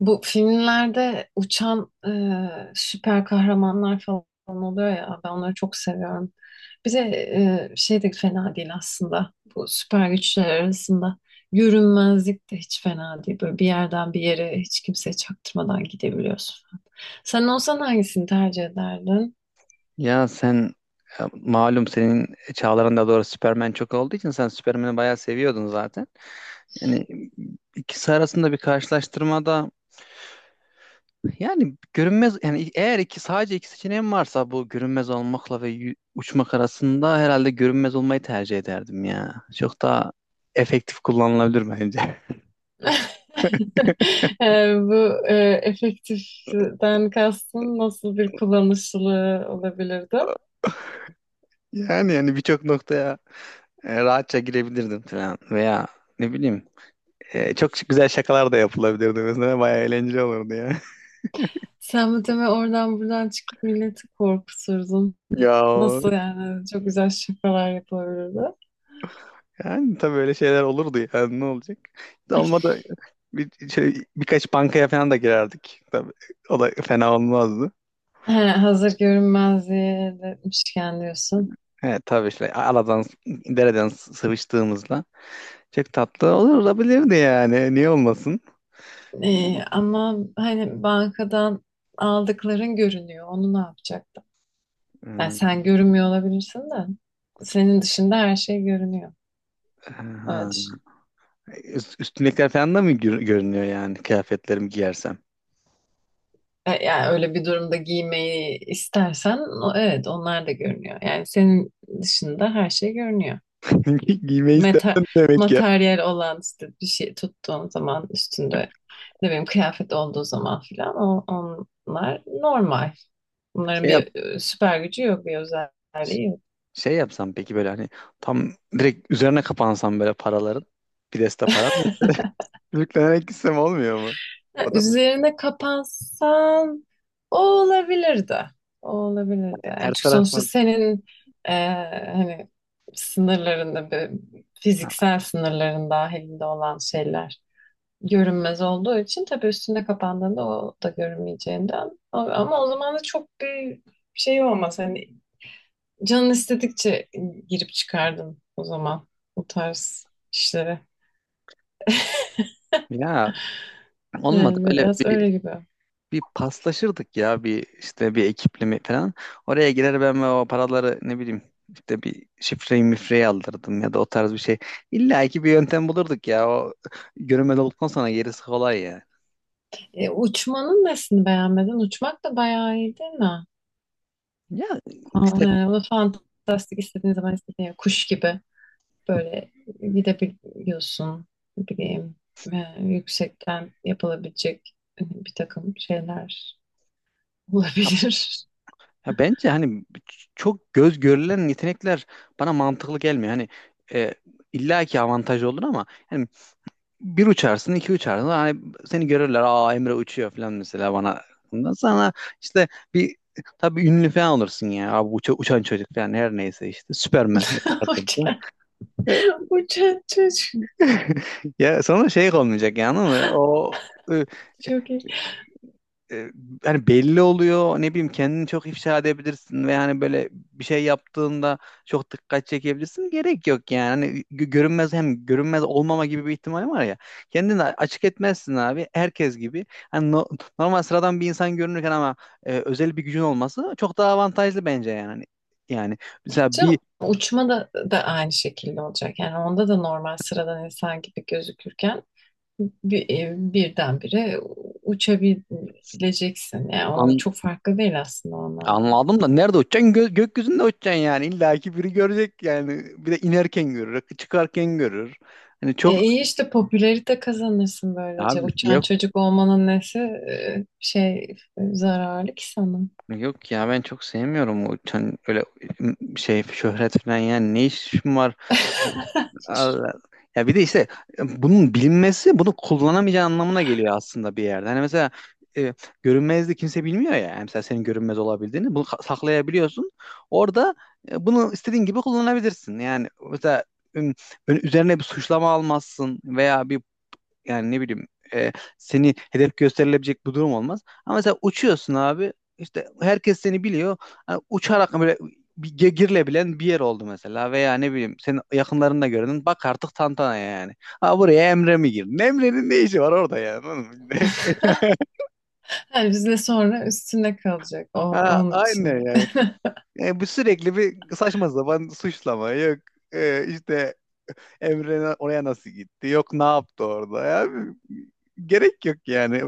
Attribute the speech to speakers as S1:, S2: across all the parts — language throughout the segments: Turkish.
S1: Bu filmlerde uçan süper kahramanlar falan oluyor ya, ben onları çok seviyorum. Bir de şey de fena değil aslında bu süper güçler arasında. Görünmezlik de hiç fena değil. Böyle bir yerden bir yere hiç kimseye çaktırmadan gidebiliyorsun falan. Sen olsan hangisini tercih ederdin?
S2: Ya sen, ya malum, senin çağlarında doğru Superman çok olduğu için sen Superman'i bayağı seviyordun zaten. Yani ikisi arasında bir karşılaştırmada, yani görünmez, yani eğer sadece iki seçeneğim varsa bu görünmez olmakla ve uçmak arasında herhalde görünmez olmayı tercih ederdim ya. Çok daha efektif kullanılabilir bence.
S1: E, bu efektiften kastın nasıl bir kullanışlılığı olabilirdi?
S2: Yani birçok noktaya rahatça girebilirdim falan veya ne bileyim, çok güzel şakalar da yapılabilirdi, mesela bayağı eğlenceli olurdu ya.
S1: Sen bu deme oradan buradan çıkıp milleti korkuturdun.
S2: Ya,
S1: Nasıl yani? Çok güzel şakalar yapılabilirdi.
S2: yani tabii öyle şeyler olurdu, yani ne olacak? Olmadı bir, şey, birkaç bankaya falan da girerdik. Tabii o da fena olmazdı.
S1: He, hazır görünmezliğe de etmişken diyorsun.
S2: Evet, tabii işte aladan dereden sıvıştığımızla çok tatlı olur, olabilirdi yani. Niye olmasın?
S1: Ama hani bankadan aldıkların görünüyor. Onu ne yapacaktın? Yani sen
S2: Hmm.
S1: görünmüyor olabilirsin de. Senin dışında her şey görünüyor. Öyle
S2: Aha.
S1: düşün.
S2: Üstümdekiler falan da mı görünüyor, yani kıyafetlerimi giyersem?
S1: Yani öyle bir durumda giymeyi istersen evet, onlar da görünüyor. Yani senin dışında her şey görünüyor.
S2: Giymeyi
S1: Meta
S2: istersen demek ya.
S1: materyal olan işte bir şey tuttuğun zaman, üstünde ne bileyim kıyafet olduğu zaman filan o, onlar normal. Bunların
S2: Şey yap,
S1: bir süper gücü yok, bir özelliği yok.
S2: şey yapsam peki, böyle hani tam direkt üzerine kapansam böyle paraların, bir deste paran. Yüklenerek gitsem olmuyor mu? O da mı?
S1: Üzerine kapansan o olabilirdi. O olabilirdi. Yani,
S2: Her
S1: çünkü sonuçta
S2: taraftan,
S1: senin e, hani sınırlarında, fiziksel sınırların dahilinde olan şeyler. Görünmez olduğu için tabii üstünde kapandığında o da görünmeyeceğinden. Ama o zaman da çok bir şey olmaz. Hani canın istedikçe girip çıkardın o zaman bu tarz işlere.
S2: ya olmadı
S1: Yani
S2: böyle
S1: biraz
S2: bir
S1: öyle gibi.
S2: bir paslaşırdık ya, bir işte bir ekiple mi falan. Oraya girer ben ve o paraları ne bileyim işte bir şifreyi mifreyi aldırdım, ya da o tarz bir şey. İlla ki bir yöntem bulurduk ya, o görünmez olduktan sonra gerisi kolay ya.
S1: Uçmanın nesini beğenmedin? Uçmak da bayağı iyi değil mi?
S2: Ya
S1: Fa-
S2: işte,
S1: e, Onu fantastik, istediğin zaman istediğin kuş gibi böyle gidebiliyorsun. Ne bileyim yüksekten yapılabilecek bir takım şeyler. Olabilir.
S2: ya bence hani çok göz görülen yetenekler bana mantıklı gelmiyor. Hani e, illa ki avantaj olur ama yani bir uçarsın, iki uçarsın. Hani seni görürler. Aa, Emre uçuyor falan mesela bana. Ondan sonra işte bir, tabii ünlü falan olursun ya. Abi uçan çocuk falan, her neyse işte. Süpermen'dir. Batırdı.
S1: Uçan, uçan çocuk.
S2: Ya sonra şey olmayacak yani, ama o e,
S1: Çok iyi.
S2: e, hani belli oluyor, ne bileyim kendini çok ifşa edebilirsin, ve hani böyle bir şey yaptığında çok dikkat çekebilirsin, gerek yok yani. Hani görünmez, hem görünmez olmama gibi bir ihtimal var ya, kendini açık etmezsin abi, herkes gibi hani normal, sıradan bir insan görünürken, ama özel bir gücün olması çok daha avantajlı bence. Yani, hani, yani mesela
S1: Canım,
S2: bir.
S1: uçma da aynı şekilde olacak. Yani onda da normal sıradan insan gibi gözükürken birdenbire uçabileceksin. Yani o
S2: an-
S1: çok farklı değil aslında o anlamda.
S2: Anladım da nerede uçacaksın? Gökyüzünde uçacaksın yani. İlla ki biri görecek yani. Bir de inerken görür, çıkarken görür. Hani
S1: E
S2: çok.
S1: iyi, işte popülerite kazanırsın böylece.
S2: Abi.
S1: Uçan çocuk olmanın nesi zararlı ki sana?
S2: Yok ya, ben çok sevmiyorum o, öyle şey, şöhret falan. Yani ne işim var, Allah. Ya bir de işte bunun bilinmesi bunu kullanamayacağı anlamına geliyor aslında bir yerde. Hani mesela e, görünmezliği kimse bilmiyor ya. Yani mesela senin görünmez olabildiğini, bunu saklayabiliyorsun. Orada bunu istediğin gibi kullanabilirsin. Yani mesela üm, böyle üzerine bir suçlama almazsın, veya bir, yani ne bileyim e, seni hedef gösterilebilecek bir durum olmaz. Ama mesela uçuyorsun, abi işte herkes seni biliyor. Hani uçarak böyle bir girilebilen bir yer oldu mesela, veya ne bileyim senin yakınlarında gördün, bak artık tantana yani. Ha, buraya Emre mi girdi? Emre'nin ne işi var orada yani, oğlum?
S1: Yani bizle sonra üstüne kalacak
S2: Ha,
S1: onun için de.
S2: aynen yani. Bu sürekli bir saçma sapan suçlama, yok. İşte Emre oraya nasıl gitti? Yok, ne yaptı orada? Ya, gerek yok yani.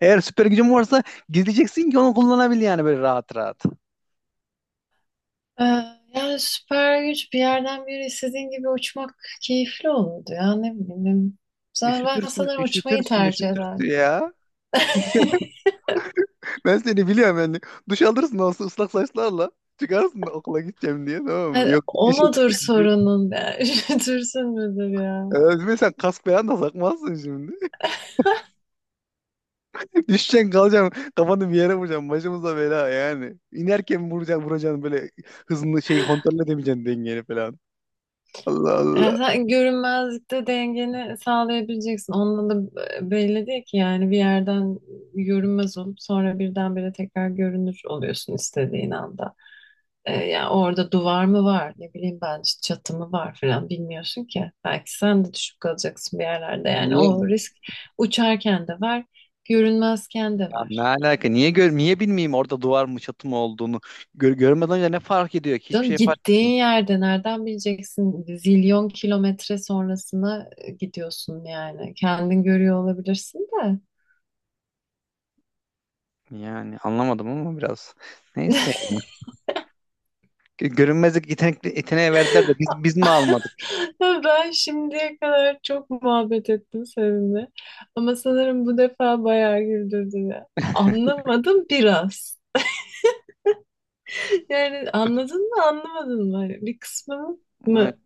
S2: Eğer süper gücün varsa gizleyeceksin ki onu kullanabil, yani böyle rahat rahat.
S1: Ee, yani süper güç, bir yerden bir yere istediğin gibi uçmak keyifli olurdu ya, ne bileyim. Ben
S2: Üşütürsün,
S1: sanırım uçmayı
S2: üşütürsün,
S1: tercih
S2: üşütürsün
S1: ederdim.
S2: ya. Ben seni biliyorum yani. Duş alırsın, olsun ıslak saçlarla. Çıkarsın okula gideceğim diye, tamam mı?
S1: Hani
S2: Yok,
S1: o
S2: işe
S1: mudur
S2: gideceğim diye.
S1: sorunun yani? Düşünsün müdür ya?
S2: Sen kask falan da takmazsın şimdi. Düşeceksin, kalacaksın. Kafanı bir yere vuracaksın. Başımıza bela yani. İnerken vuracaksın, vuracaksın, böyle hızını, şey, kontrol edemeyeceksin, dengeni falan. Allah Allah.
S1: Yani sen görünmezlikte dengeni sağlayabileceksin. Onunla da belli değil ki yani, bir yerden görünmez olup sonra birdenbire tekrar görünür oluyorsun istediğin anda. Yani orada duvar mı var, ne bileyim ben, işte çatı mı var falan, bilmiyorsun ki. Belki sen de düşüp kalacaksın bir yerlerde, yani o
S2: Niye,
S1: risk uçarken de var, görünmezken de
S2: ya ne
S1: var.
S2: alaka? Niye, gör, niye bilmeyeyim orada duvar mı çatı mı olduğunu. Gör, görmeden önce ne fark ediyor ki? Hiçbir
S1: Canım,
S2: şey fark
S1: gittiğin yerde nereden bileceksin zilyon kilometre sonrasına gidiyorsun yani. Kendin görüyor olabilirsin de.
S2: etmiyor yani. Anlamadım ama biraz. Neyse yani. Görünmezlik yetenekli yeteneğe verdiler de biz mi almadık?
S1: Ben şimdiye kadar çok muhabbet ettim seninle. Ama sanırım bu defa bayağı güldürdün ya. Anlamadım biraz. Yani anladın mı, anlamadın mı? Hani bir kısmını
S2: Ay,
S1: mı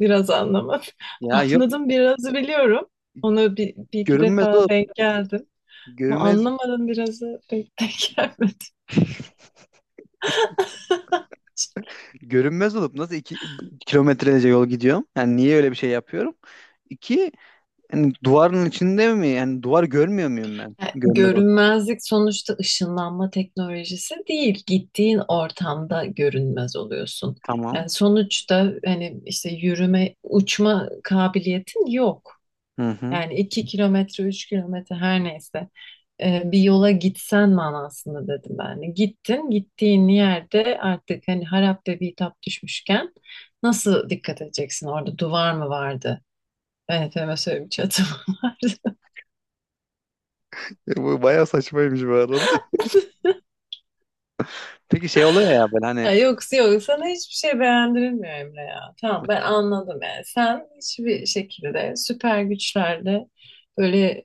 S1: biraz anlamadım.
S2: ya yok,
S1: Anladım birazı, biliyorum. Ona bir iki
S2: görünmez
S1: defa
S2: olup
S1: denk geldim. Ama
S2: görünmez
S1: anlamadım birazı, pek denk gelmedi.
S2: görünmez olup nasıl iki kilometrelerce yol gidiyorum? Yani niye öyle bir şey yapıyorum? İki, yani duvarın içinde mi? Yani duvar görmüyor muyum ben, görünmez olup?
S1: Görünmezlik sonuçta ışınlanma teknolojisi değil. Gittiğin ortamda görünmez oluyorsun. Yani
S2: Tamam.
S1: sonuçta hani işte yürüme, uçma kabiliyetin yok.
S2: Hı hı.
S1: Yani 2 kilometre, 3 kilometre, her neyse bir yola gitsen manasında dedim ben de. Gittin, gittiğin yerde artık hani harap ve bitap düşmüşken nasıl dikkat edeceksin? Orada duvar mı vardı? Evet, mesela bir çatı mı vardı?
S2: Bu bayağı saçmaymış bu arada. Peki şey oluyor ya böyle hani.
S1: Ya yok, yok, sana hiçbir şey beğendirilmiyor Emre ya. Tamam, ben anladım yani. Sen hiçbir şekilde süper güçlerle böyle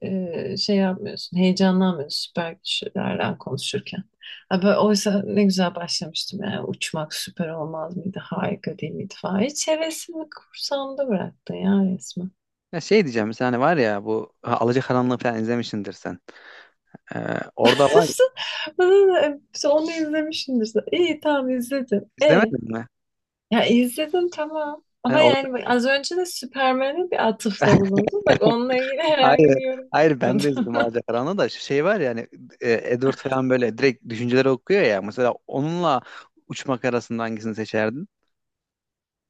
S1: şey yapmıyorsun. Heyecanlanmıyorsun süper güçlerden konuşurken. Ha, böyle, oysa ne güzel başlamıştım yani. Uçmak süper olmaz mıydı? Harika değil miydi falan. Hiç hevesimi kursamda bıraktın ya resmen.
S2: Ya şey diyeceğim, mesela hani var ya bu, ha, Alacakaranlığı falan izlemişsindir sen. Ee, Orada var,
S1: Bana onu izlemişsindir. İyi, tamam, izledim.
S2: izlemedin mi?
S1: Ya izledim, tamam.
S2: Hani
S1: Ama
S2: orada,
S1: yani bak, az önce de Superman'e bir atıfta bulundun. Bak, onunla ilgili herhangi
S2: hayır
S1: bir yorum
S2: hayır, ben de
S1: yapmadım.
S2: izledim Alacakaranlığı, da şu şey var ya hani Edward falan böyle direkt düşünceleri okuyor ya. Mesela onunla uçmak arasında hangisini seçerdin?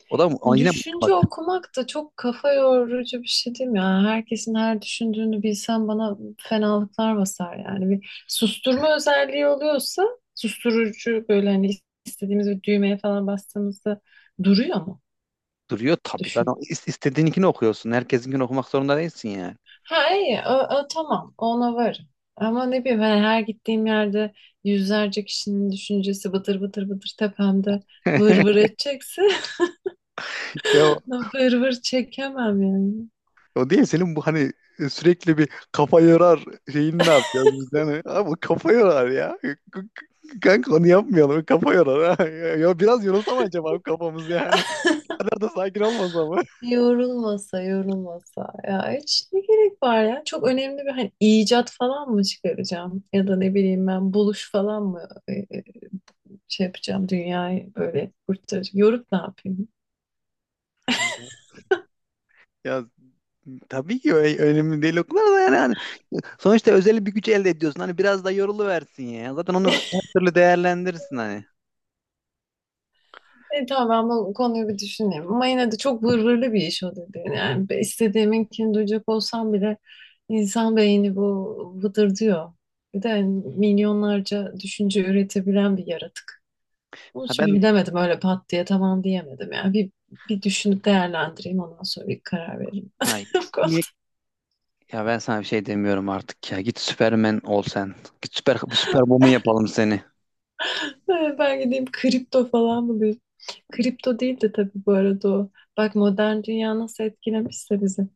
S2: O da, o yine
S1: Düşünce
S2: uçmak,
S1: okumak da çok kafa yorucu bir şey değil mi ya? Herkesin her düşündüğünü bilsem bana fenalıklar basar yani. Bir susturma özelliği oluyorsa, susturucu böyle hani, istediğimiz bir düğmeye falan bastığımızda duruyor mu?
S2: duruyor tabii zaten istediğininkini okuyorsun. Herkesinkini okumak zorunda değilsin yani.
S1: Ha iyi, o tamam, ona varım. Ama ne bileyim, hani her gittiğim yerde yüzlerce kişinin düşüncesi bıtır bıtır bıtır tepemde vır vır edecekse
S2: Yo.
S1: vır vır çekemem yani.
S2: O değil senin bu, hani sürekli bir kafa yorar şeyini ne yapacağız biz yani? Abi kafa yorar ya. Kanka, onu yapmayalım. Kafa yorar, ha. Ya, biraz yorulsam acaba kafamız yani. O kadar da sakin olmasa mı?
S1: Yorulmasa yorulmasa ya, hiç ne gerek var ya? Çok önemli bir hani icat falan mı çıkaracağım, ya da ne bileyim ben buluş falan mı şey yapacağım, dünyayı böyle kurtaracağım, yorup ne yapayım?
S2: Ya tabii ki önemli değil o da yani. Hani sonuçta özel bir güç elde ediyorsun. Hani biraz da yoruluversin ya. Zaten onu her türlü değerlendirirsin hani.
S1: Tamam, ben bu konuyu bir düşüneyim. Ama yine de çok vırvırlı bir iş o dediğin. Yani istediğiminkini duyacak olsam bile insan beyni bu, vıdırdıyor. Bir de milyonlarca düşünce üretebilen bir yaratık. Onun
S2: Ha
S1: için bir
S2: ben,
S1: bilemedim, öyle pat diye tamam diyemedim. Yani bir, bir düşünüp değerlendireyim, ondan sonra bir karar veririm.
S2: ay,
S1: Bu konuda.
S2: iyi. Ya ben sana bir şey demiyorum artık ya. Git, Superman ol sen. Git, süper Superwoman yapalım seni.
S1: Ben gideyim kripto falan mı diyeyim? Kripto değil de, tabii, bu arada o. Bak modern dünya nasıl etkilemişse bizi.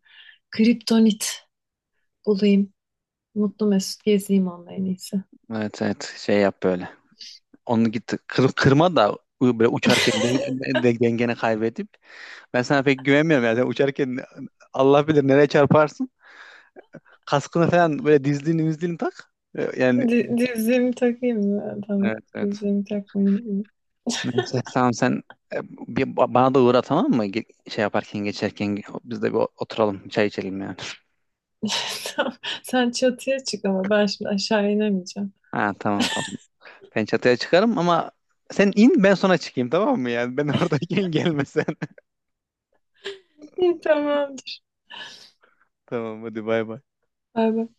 S1: Kriptonit bulayım. Mutlu mesut gezeyim onunla, en iyisi.
S2: Evet evet, şey yap böyle. Onu git kırma da, böyle uçarken dengeni kaybedip. Ben sana pek güvenmiyorum yani. Sen uçarken Allah bilir nereye çarparsın. Kaskını falan, böyle dizliğini mizliğini tak. Yani,
S1: Dizliğimi takayım mı? Tamam.
S2: evet evet.
S1: Dizliğimi takmayayım.
S2: Neyse, tamam sen, bana da uğra, tamam mı? Şey yaparken, geçerken biz de bir oturalım, çay içelim yani.
S1: Tamam. Sen çatıya çık ama ben şimdi aşağı inemeyeceğim.
S2: Ha, tamam tamam. Ben çatıya çıkarım ama sen in, ben sonra çıkayım, tamam mı yani? Ben oradayken gelmesen.
S1: İyi, tamamdır.
S2: Tamam, hadi bay bay.
S1: Bay bay.